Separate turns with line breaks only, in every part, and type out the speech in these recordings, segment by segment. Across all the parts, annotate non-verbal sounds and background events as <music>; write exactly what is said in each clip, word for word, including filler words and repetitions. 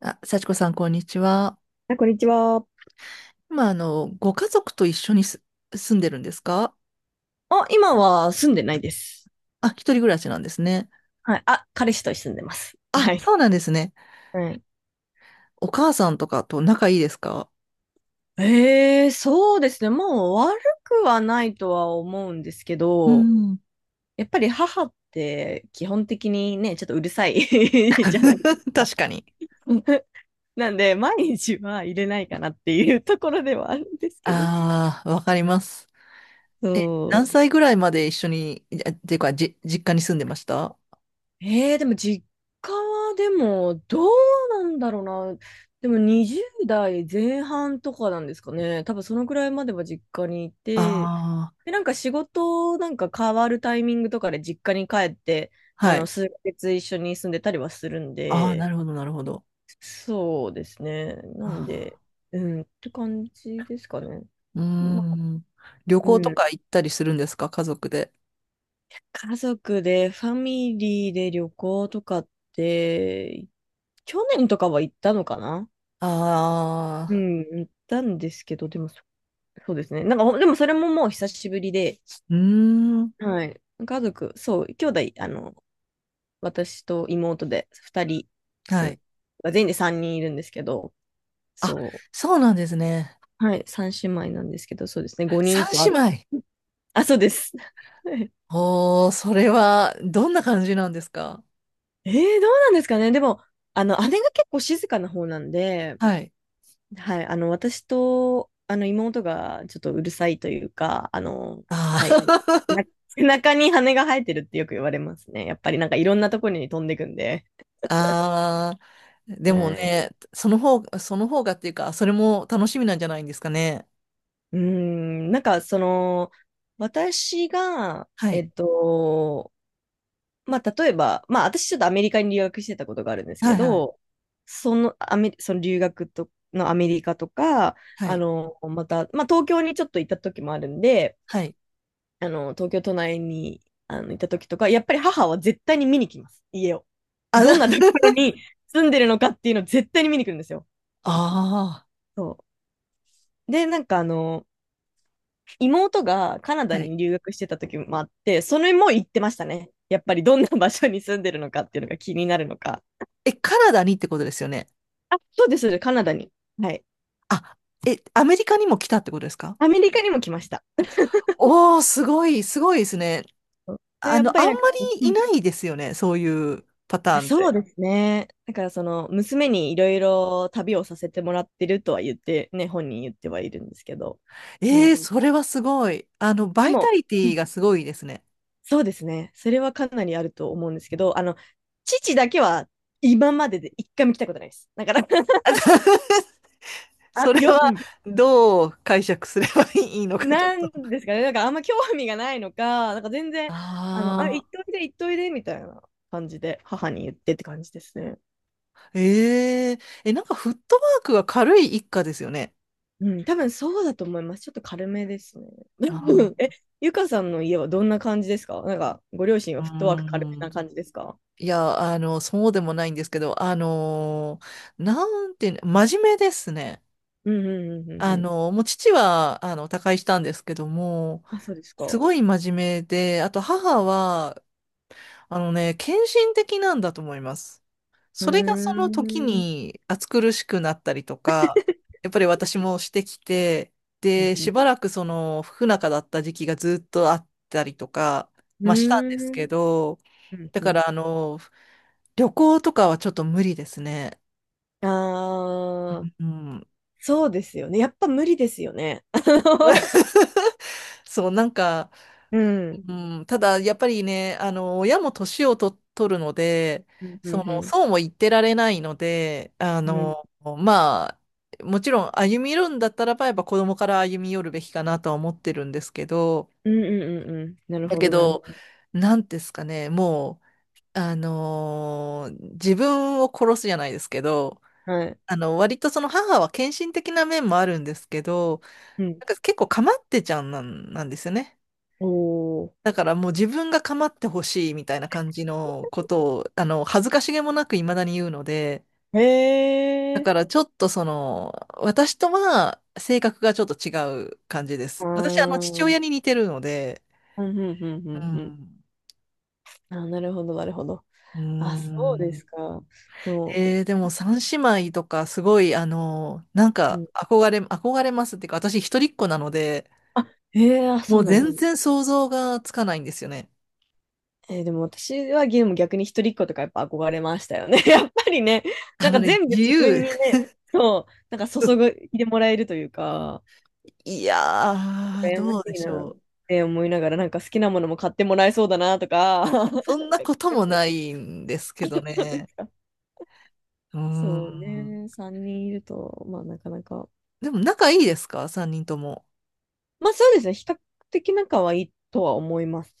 あ、幸子さん、こんにちは。
あ、こんにちは。
まあ、あの、ご家族と一緒にす住んでるんですか？
あ、今は住んでないです。
あ、一人暮らしなんですね。
はい。あ、彼氏と住んでます。
あ、
はい。
そうなんですね。
はい。
お母さんとかと仲いいですか？
ええ、そうですね。もう悪くはないとは思うんですけ
う
ど、
ん。
やっぱり母って基本的にね、ちょっとうるさい <laughs> じゃないです
<laughs>
か。
確かに。
<laughs> なんで、毎日は入れないかなっていうところではあるんですけど。
ああ、わかります。
そ
え、何
う、
歳ぐらいまで一緒に、あっていうか、じ、実家に住んでました？あ
えー、でも実家はでもどうなんだろうな。でもにじゅう代前半とかなんですかね。多分そのくらいまでは実家にいて、
あ
で、なんか仕事なんか変わるタイミングとかで実家に帰って、
ー、
あ
は
の、
い。
数ヶ月一緒に住んでたりはするん
ああ、な
で、
るほど、なるほど。
そうですね。なん
あ
で、うん、って感じですかね。
ーうー
まあ、
ん。旅行
う
と
ん。
か行ったりするんですか？家族で。
家族で、ファミリーで旅行とかって、去年とかは行ったのかな？
あ
う
あ、
ん、行ったんですけど、でもそ、そうですね。なんか、ほでもそれももう久しぶりで、
うーん。
はい。家族、そう、兄弟、あの、私と妹でふたり、う
は
ん
い。
全員でさんにんいるんですけど、
あ、
そ
そうなんですね。
う、はい、さん姉妹なんですけど、そうですね、5
三
人と
姉
あ、
妹。
<laughs> あ、そうです。<laughs>
おー、それは、どんな感じなんですか？
えー、どうなんですかね。でも、あの、姉が結構静かな方なんで、
はい。
はい、あの、私と、あの、妹がちょっとうるさいというか、あの、
あ
はい。
ー
な <laughs> 背中に羽が生えてるってよく言われますね。やっぱりなんかいろんなところに飛んでくんで。
<laughs> あー、でも
はい。
ね、その方、その方がっていうか、それも楽しみなんじゃないんですかね。
うーん、なんかその、私が、
は
え
い。
っと、まあ、例えば、まあ、私ちょっとアメリカに留学してたことがあるんです
は
け
いはい。
ど、その、アメ、その留学と、のアメリカとか、
は
あ
い。
の、また、まあ、東京にちょっと行った時もあるんで、
はい。
あの、東京都内にあのいた時とか、やっぱり母は絶対に見に来ます、家を。
あ、
どんなところ
<laughs>
に住んでるのかっていうのを絶対に見に来るんですよ。
あ
そう。で、なんかあの、妹がカナ
あ、
ダ
はい。
に留学してた時もあって、それも行ってましたね。やっぱりどんな場所に住んでるのかっていうのが気になるのか。
え、カナダにってことですよね？
あ、そうです、カナダに。はい。
あ、え、アメリカにも来たってことですか？
アメリカにも来ました。
おー、すごい、すごいですね。
そうで、
あ
やっ
の、
ぱ
あん
り
ま
なんか、う
りい
ん、
ないですよね、そういうパターンっ
そう
て。
ですね。だからその娘にいろいろ旅をさせてもらってるとは言ってね、本人言ってはいるんですけど。は
ええ、
い。
それはすごい。あの、バ
で
イタ
も、
リテ
う
ィ
ん、
がすごいですね。
そうですね。それはかなりあると思うんですけど、あの、父だけは今までで一回も来たことないです。だから <laughs>
<laughs>
あ、
それは
よ、うん。
どう解釈すればいいのか、ちょっ
な
と。
んですかね。なんかあんま興味がないのか、なんか全然、あの、あ、
あ
行っ
あ、
といで、行っといで、みたいな感じで母に言ってって感じですね。
えええ、なんかフットワークが軽い一家ですよね。
うん、多分そうだと思います。ちょっと軽めですね。<laughs> え、
あ
ゆかさんの家はどんな感じですか？なんか、ご両親
あ、
はフットワーク
う
軽めな
ん。
感じですか？
いや、あの、そうでもないんですけど、あのーなんていうの、真面目ですね。
うんうんうんうん
あ
うん。
の、もう父は、あの、他界したんですけども、
あ、そうですか。
す
う
ごい真面目で、あと母は、あのね、献身的なんだと思います。
ー
それがその時
ん。
に暑苦しくなったりとか、やっぱり私もしてきて、
うん
で、
う
し
ん。
ばらくその不仲だった時期がずっとあったりとか、
うー
まあしたんですけ
ん。
ど、
うん
だ
う
か
ん、
らあの、旅行とかはちょっと無理ですね。
ああ、
うん。
そうですよね。やっぱ無理ですよね。<laughs> あの
<laughs> そう、なんか、
うん。
うん、ただ、やっぱりね、あの、親も年をと、取るので、
うんう
そ
んう
の、
ん。
そうも言ってられないので、あ
うん
の、まあ、もちろん歩み寄るんだったらば、やっぱ子供から歩み寄るべきかなとは思ってるんですけど、
うんうんうんうん。なる
だ
ほ
け
ど、なるほ
ど、
ど。
なんですかね、もう、あの、自分を殺すじゃないですけど、
はい。
あの、割とその母は献身的な面もあるんですけど、
うん。
なんか結構構ってちゃんなん、なんですよね。
おー。
だからもう自分が構ってほしいみたいな感じのことを、あの、恥ずかしげもなく未だに言うので、
へ
だ
え。
からちょっとその、私とは性格がちょっと違う感じで
あー。
す。私、あの、父
うん
親に似てるので、
うんうんう
う
んうん。
ん。
あ、なるほど、なるほど。
う
あ、そうで
ん。
すか。でも、
えーでも三姉妹とかすごい、あの、なん
う
か
ん。
憧れ、憧れますっていうか、私一人っ子なので、
あ、ええ、あ、
も
そ
う
うなんで
全
す。
然想像がつかないんですよね。
えーでも私はゲーム逆に一人っ子とかやっぱ憧れましたよね。<laughs> やっぱりね、
あ
なん
の
か
ね、
全部
自
自分
由。
にね、そう、なんか注いでもらえるというか、
<laughs> いやー、
羨まし
どうで
い
し
なっ
ょう。
て思いながら、なんか好きなものも買ってもらえそうだなとか、<laughs> なんか考
そんなこと
え
も
ちゃっ
ないんですけど
たんで
ね。
すか。
うー
<laughs> そう
ん。
ね、さんにんいると、まあなかなか、
でも仲いいですか？ さん 人とも。
まあそうですね、比較的仲はいいとは思います。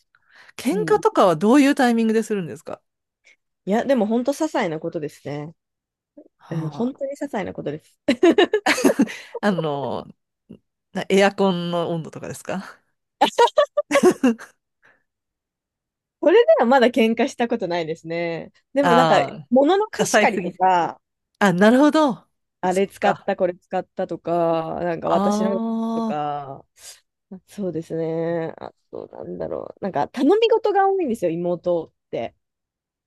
喧
う
嘩
ん。
とかはどういうタイミングでするんですか？
いや、でも本当些細なことですね。うん、
は
本
あ、
当に些細なことです。
あの、なエアコンの温度とかですか？
<laughs>
<laughs>
それではまだ喧嘩したことないですね。でもなんか、
あ
物の
あ、
貸
支
し
え
借
す
り
ぎ
と
て。
か、
あ、なるほど。
あ
そ
れ
っ
使っ
か。
た、これ使ったとか、なんか私のと
ああ、
か、そうですね。あと、なんだろう。なんか、頼み事が多いんですよ、妹って。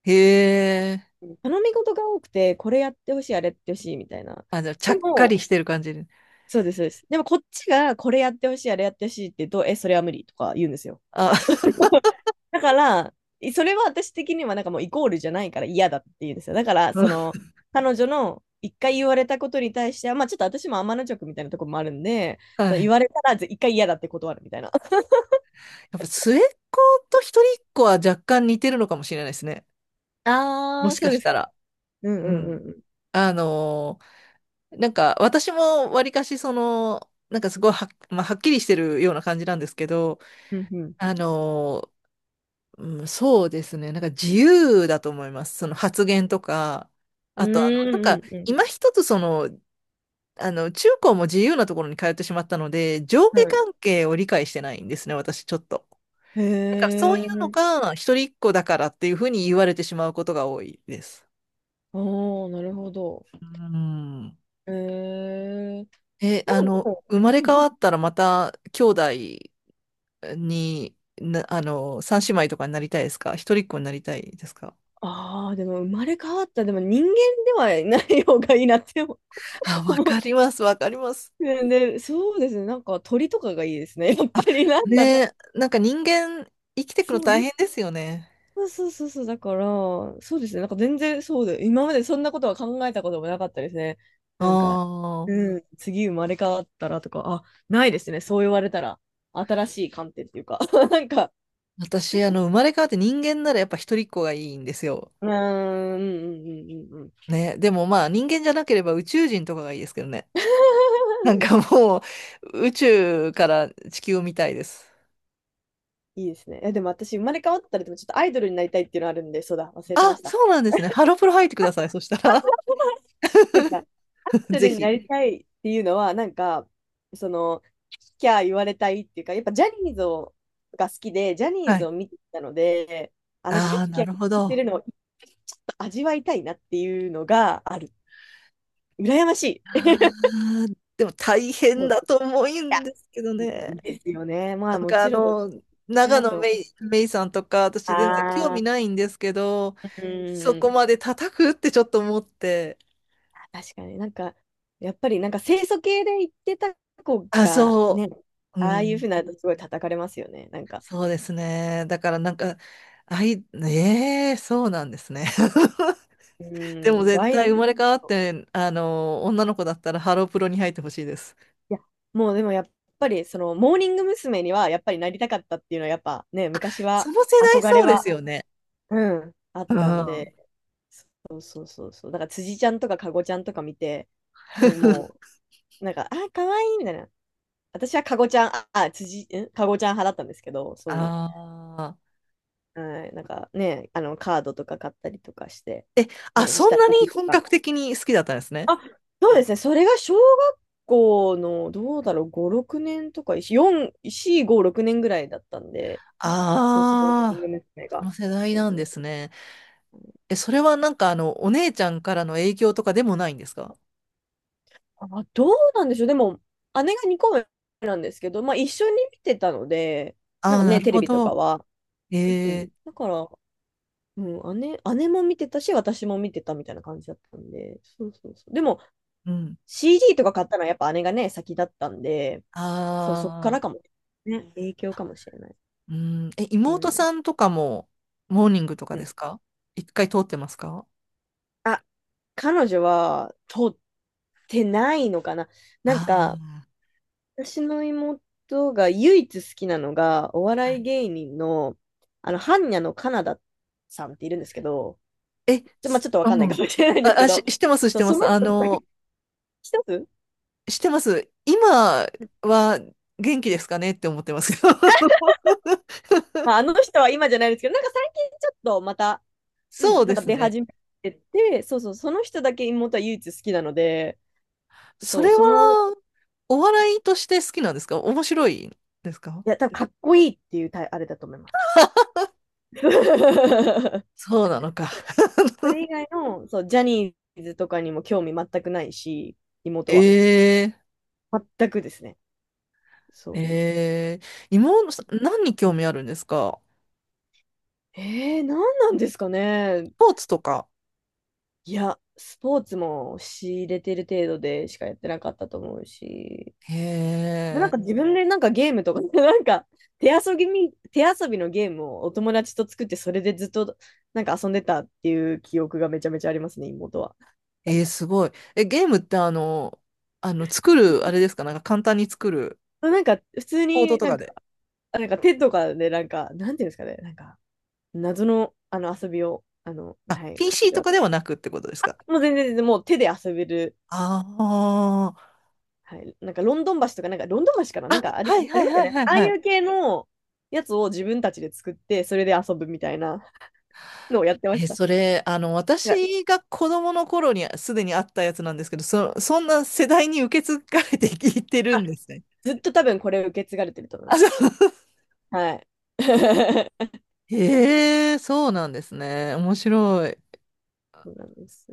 へえ。
頼み事が多くて、これやってほしい、あれやってほしい、みたいな。
あ、じゃあ、ちゃ
で
っかり
も、
してる感じで。
そうです、そうです。でも、こっちが、これやってほしい、あれやってほしいって言うと、え、それは無理とか言うんですよ。
あ、<laughs>
<laughs> だから、それは私的にはなんかもうイコールじゃないから嫌だっていうんですよ。だから、
う
そ
ん、
の、彼女の一回言われたことに対しては、まあちょっと私も天の直みたいなところもあるんで、
は
その言
い。
われたらぜ一回嫌だって断るみたいな。
やっぱ末っ子と一人っ子は若干似てるのかもしれないですね。も
ああ、
し
そ
か
うで
し
す
た
か。
ら。
うんう
う
んう
ん。
ん
あのーなんか私もわりかしその、なんかすごいはっ、まあ、はっきりしてるような感じなんですけど、
うん。うん
あのーうん、そうですね、なんか自由だと思います。その発言とか、
うん。
あとあの、なんか
うーん、う
今一つその、あの、中高も自由なところに通ってしまったので、上
んうん。
下
はい。
関係を理解してないんですね、私ちょっと。
へ
なんかそういうの
え。
が一人っ子だからっていうふうに言われてしまうことが多いです。
おー、なるほど。
うん。
へえ。
え、
ま
あ
あで
の、
も、
生ま
う
れ変
ん、
わったらまた兄弟に、な、あの、三姉妹とかになりたいですか？一人っ子になりたいですか？
ああ、でも生まれ変わった、でも人間ではない方がいいなって思
あ、わ
う。
かります、わかります。
ねで、そうですね。なんか鳥とかがいいですね。<laughs> やっぱりなん
ね
だろう。
え、なんか人間生き
<laughs>
てくの
そう、
大
に
変ですよね。
そうそうそうそう。だから、そうですね。なんか全然そうで、今までそんなことは考えたこともなかったですね。
あ
なんか、
あ、
うん、次生まれ変わったらとか、あ、ないですね。そう言われたら、新しい観点っていうか、<laughs> なんか、
私、あの、生まれ変わって人間ならやっぱ一人っ子がいいんですよ。
うーん、うんうんうんうんうん。
ね、でもまあ人間じゃなければ宇宙人とかがいいですけどね。なん
<laughs>
かもう宇宙から地球を見たいです。
いいですね。え、でも私、生まれ変わったら、でもちょっとアイドルになりたいっていうのあるんで、そうだ、忘れてま
あ、
した。
そうなんですね。ハロプロ入ってください、そしたら。
<laughs> なんか、アッ
<laughs>
セ
ぜ
ルにな
ひ。
りたいっていうのは、なんか、その、キャー言われたいっていうか、やっぱジャニーズをが好きで、ジャニ
は
ーズ
い。
を見てたので、あの、キャ
ああ、
ーキ
な
ャー
るほ
言
ど。
って
あ
るのをちょっと味わいたいなっていうのがある。羨ましい。
あ、でも大
そ
変
う
だと思うんですけどね。
ですよね。ま
なん
あ、も
かあ
ちろん、そ
の、
れ
長
だ
野
と。
めい、めいさんとか、私全然興
あ
味
あ、
ないんですけど、
う
そこ
ん。
まで叩くってちょっと思って。
確かになんか、やっぱりなんか清楚系で言ってた子
あ、
が
そ
ね、
う、う
ああいうふう
ん、
になるとすごい叩かれますよね。なんか。
そうですね。だからなんか、あい、ええ、そうなんですね。
う
<laughs> で
ー
も
ん、そう、
絶
アイド
対生
ル。
まれ変わって、あの、女の子だったらハロープロに入ってほしいです。
いや、もうでもやっぱり、その、モーニング娘。にはやっぱりなりたかったっていうのは、やっぱね、昔
そ
は、
の世代
憧
そ
れ
うです
は、
よね。
うん、あっ
う
たん
ん。
で、そうそうそうそう。だから辻ちゃんとかかごちゃんとか見て、なんかもう、なんか、あ、かわいいみたいな。私はかごちゃん、あ、あ辻、んかごちゃん派だったんですけど、そ
ああ。
う。はい、なんかね、あの、カードとか買ったりとかして、
あ、
ね、
そん
下
な
敷
に
きと
本
か。
格的に好きだったんですね。
あ、そうですね。それが小学校の、どうだろう、ご、ろくねんとか、よん、よん、ご、ろくねんぐらいだったんで、
あ
そう、コーティング
あ。
娘。
そ
が。
の世代
そう
なん
そ
で
う。
すね。え、それはなんかあの、お姉ちゃんからの影響とかでもないんですか？
あ、どうなんでしょう。でも、姉がにこめなんですけど、まあ、一緒に見てたので、な
あ
ん
あー、
か
な
ね、
る
テレ
ほ
ビと
ど。
かは。う
え
ん。
え、
だから、うん、姉、姉も見てたし、私も見てたみたいな感じだったんで、そうそうそう。でも、
うん。
シーディー とか買ったのはやっぱ姉がね、先だったんで、そう、そっか
あ
らか
あ、
も。ね、影響かもしれない。
うん。え、
う
妹
ん。
さんとかも、モーニングとか
う
で
ん、
すか？一回通ってますか？
あ、彼女は取ってないのかな。なんか、
あ
私の妹が唯一好きなのが、お
あー、は
笑い
い。
芸人の、あの、般若のカナダさんっているんですけど、
え、
ちょ、まあ、
す
ちょっとわ
う
かんないか
ん。
もしれないんで
あ、
すけ
あ、し、
ど、
してます、し
そう、
てま
そ
す。
の
あ
人だけ
の、
一つ、
してます。今は元気ですかねって思ってますけど。<laughs>
まあ、あの人は今じゃないですけど、なんか最近ちょっとまた、うん、
そう
な
で
んか
す
出
ね。
始めてて、そうそう、その人だけ妹は唯一好きなので、
そ
そ
れ
う、その、い
は、お笑いとして好きなんですか？面白いですか？
や、多分かっこいいっていうタイあれだと思います。<laughs>
そうなのか。
それ以外の、そう、ジャニーズとかにも興味全くないし、妹は。
え
全くですね。
ー、
そ
えー、妹さん何に興
う。
味あるんですか？
えー、何なんですか
ス
ね。
ポーツとか。
いや、スポーツも仕入れてる程度でしかやってなかったと思うし、
へ
まあなん
え、
か自分でなんかゲームとか、<laughs> なんか手遊びみ、手遊びのゲームをお友達と作って、それでずっとなんか遊んでたっていう記憶がめちゃめちゃありますね、妹は。
えー、すごい。え、ゲームってあの、あの、作る、あれですか？なんか簡単に作る、
なんか普通
コード
に
と
な
か
んか、
で。
なんか手とかでなんか、なんていうんですかね、なんか謎の、あの遊びを、あの、
あ、
はい、彼
ピーシー
女
と
は。
かではなくってことですか？
もう全然全然もう手で遊べる。
あ
はい、なんかロンドン橋とか、なんかロンドン橋かな
あ
なん
ー、あ、
かあ
は
り、
い
あ
は
り
い
ますよ
はいは
ね。
い
ああ
は
い
い。
う系のやつを自分たちで作って、それで遊ぶみたいなのをやってまし
え、
た。い
それ、あの、
や
私が子供の頃にすでにあったやつなんですけど、そ、そんな世代に受け継がれていってる
あ
んですね。
ずっと多分これ受け継がれてると思い
あ、
ま
そう。
す。
<laughs>
はい。<laughs>
へえ、そうなんですね。面白い。
そうなんです。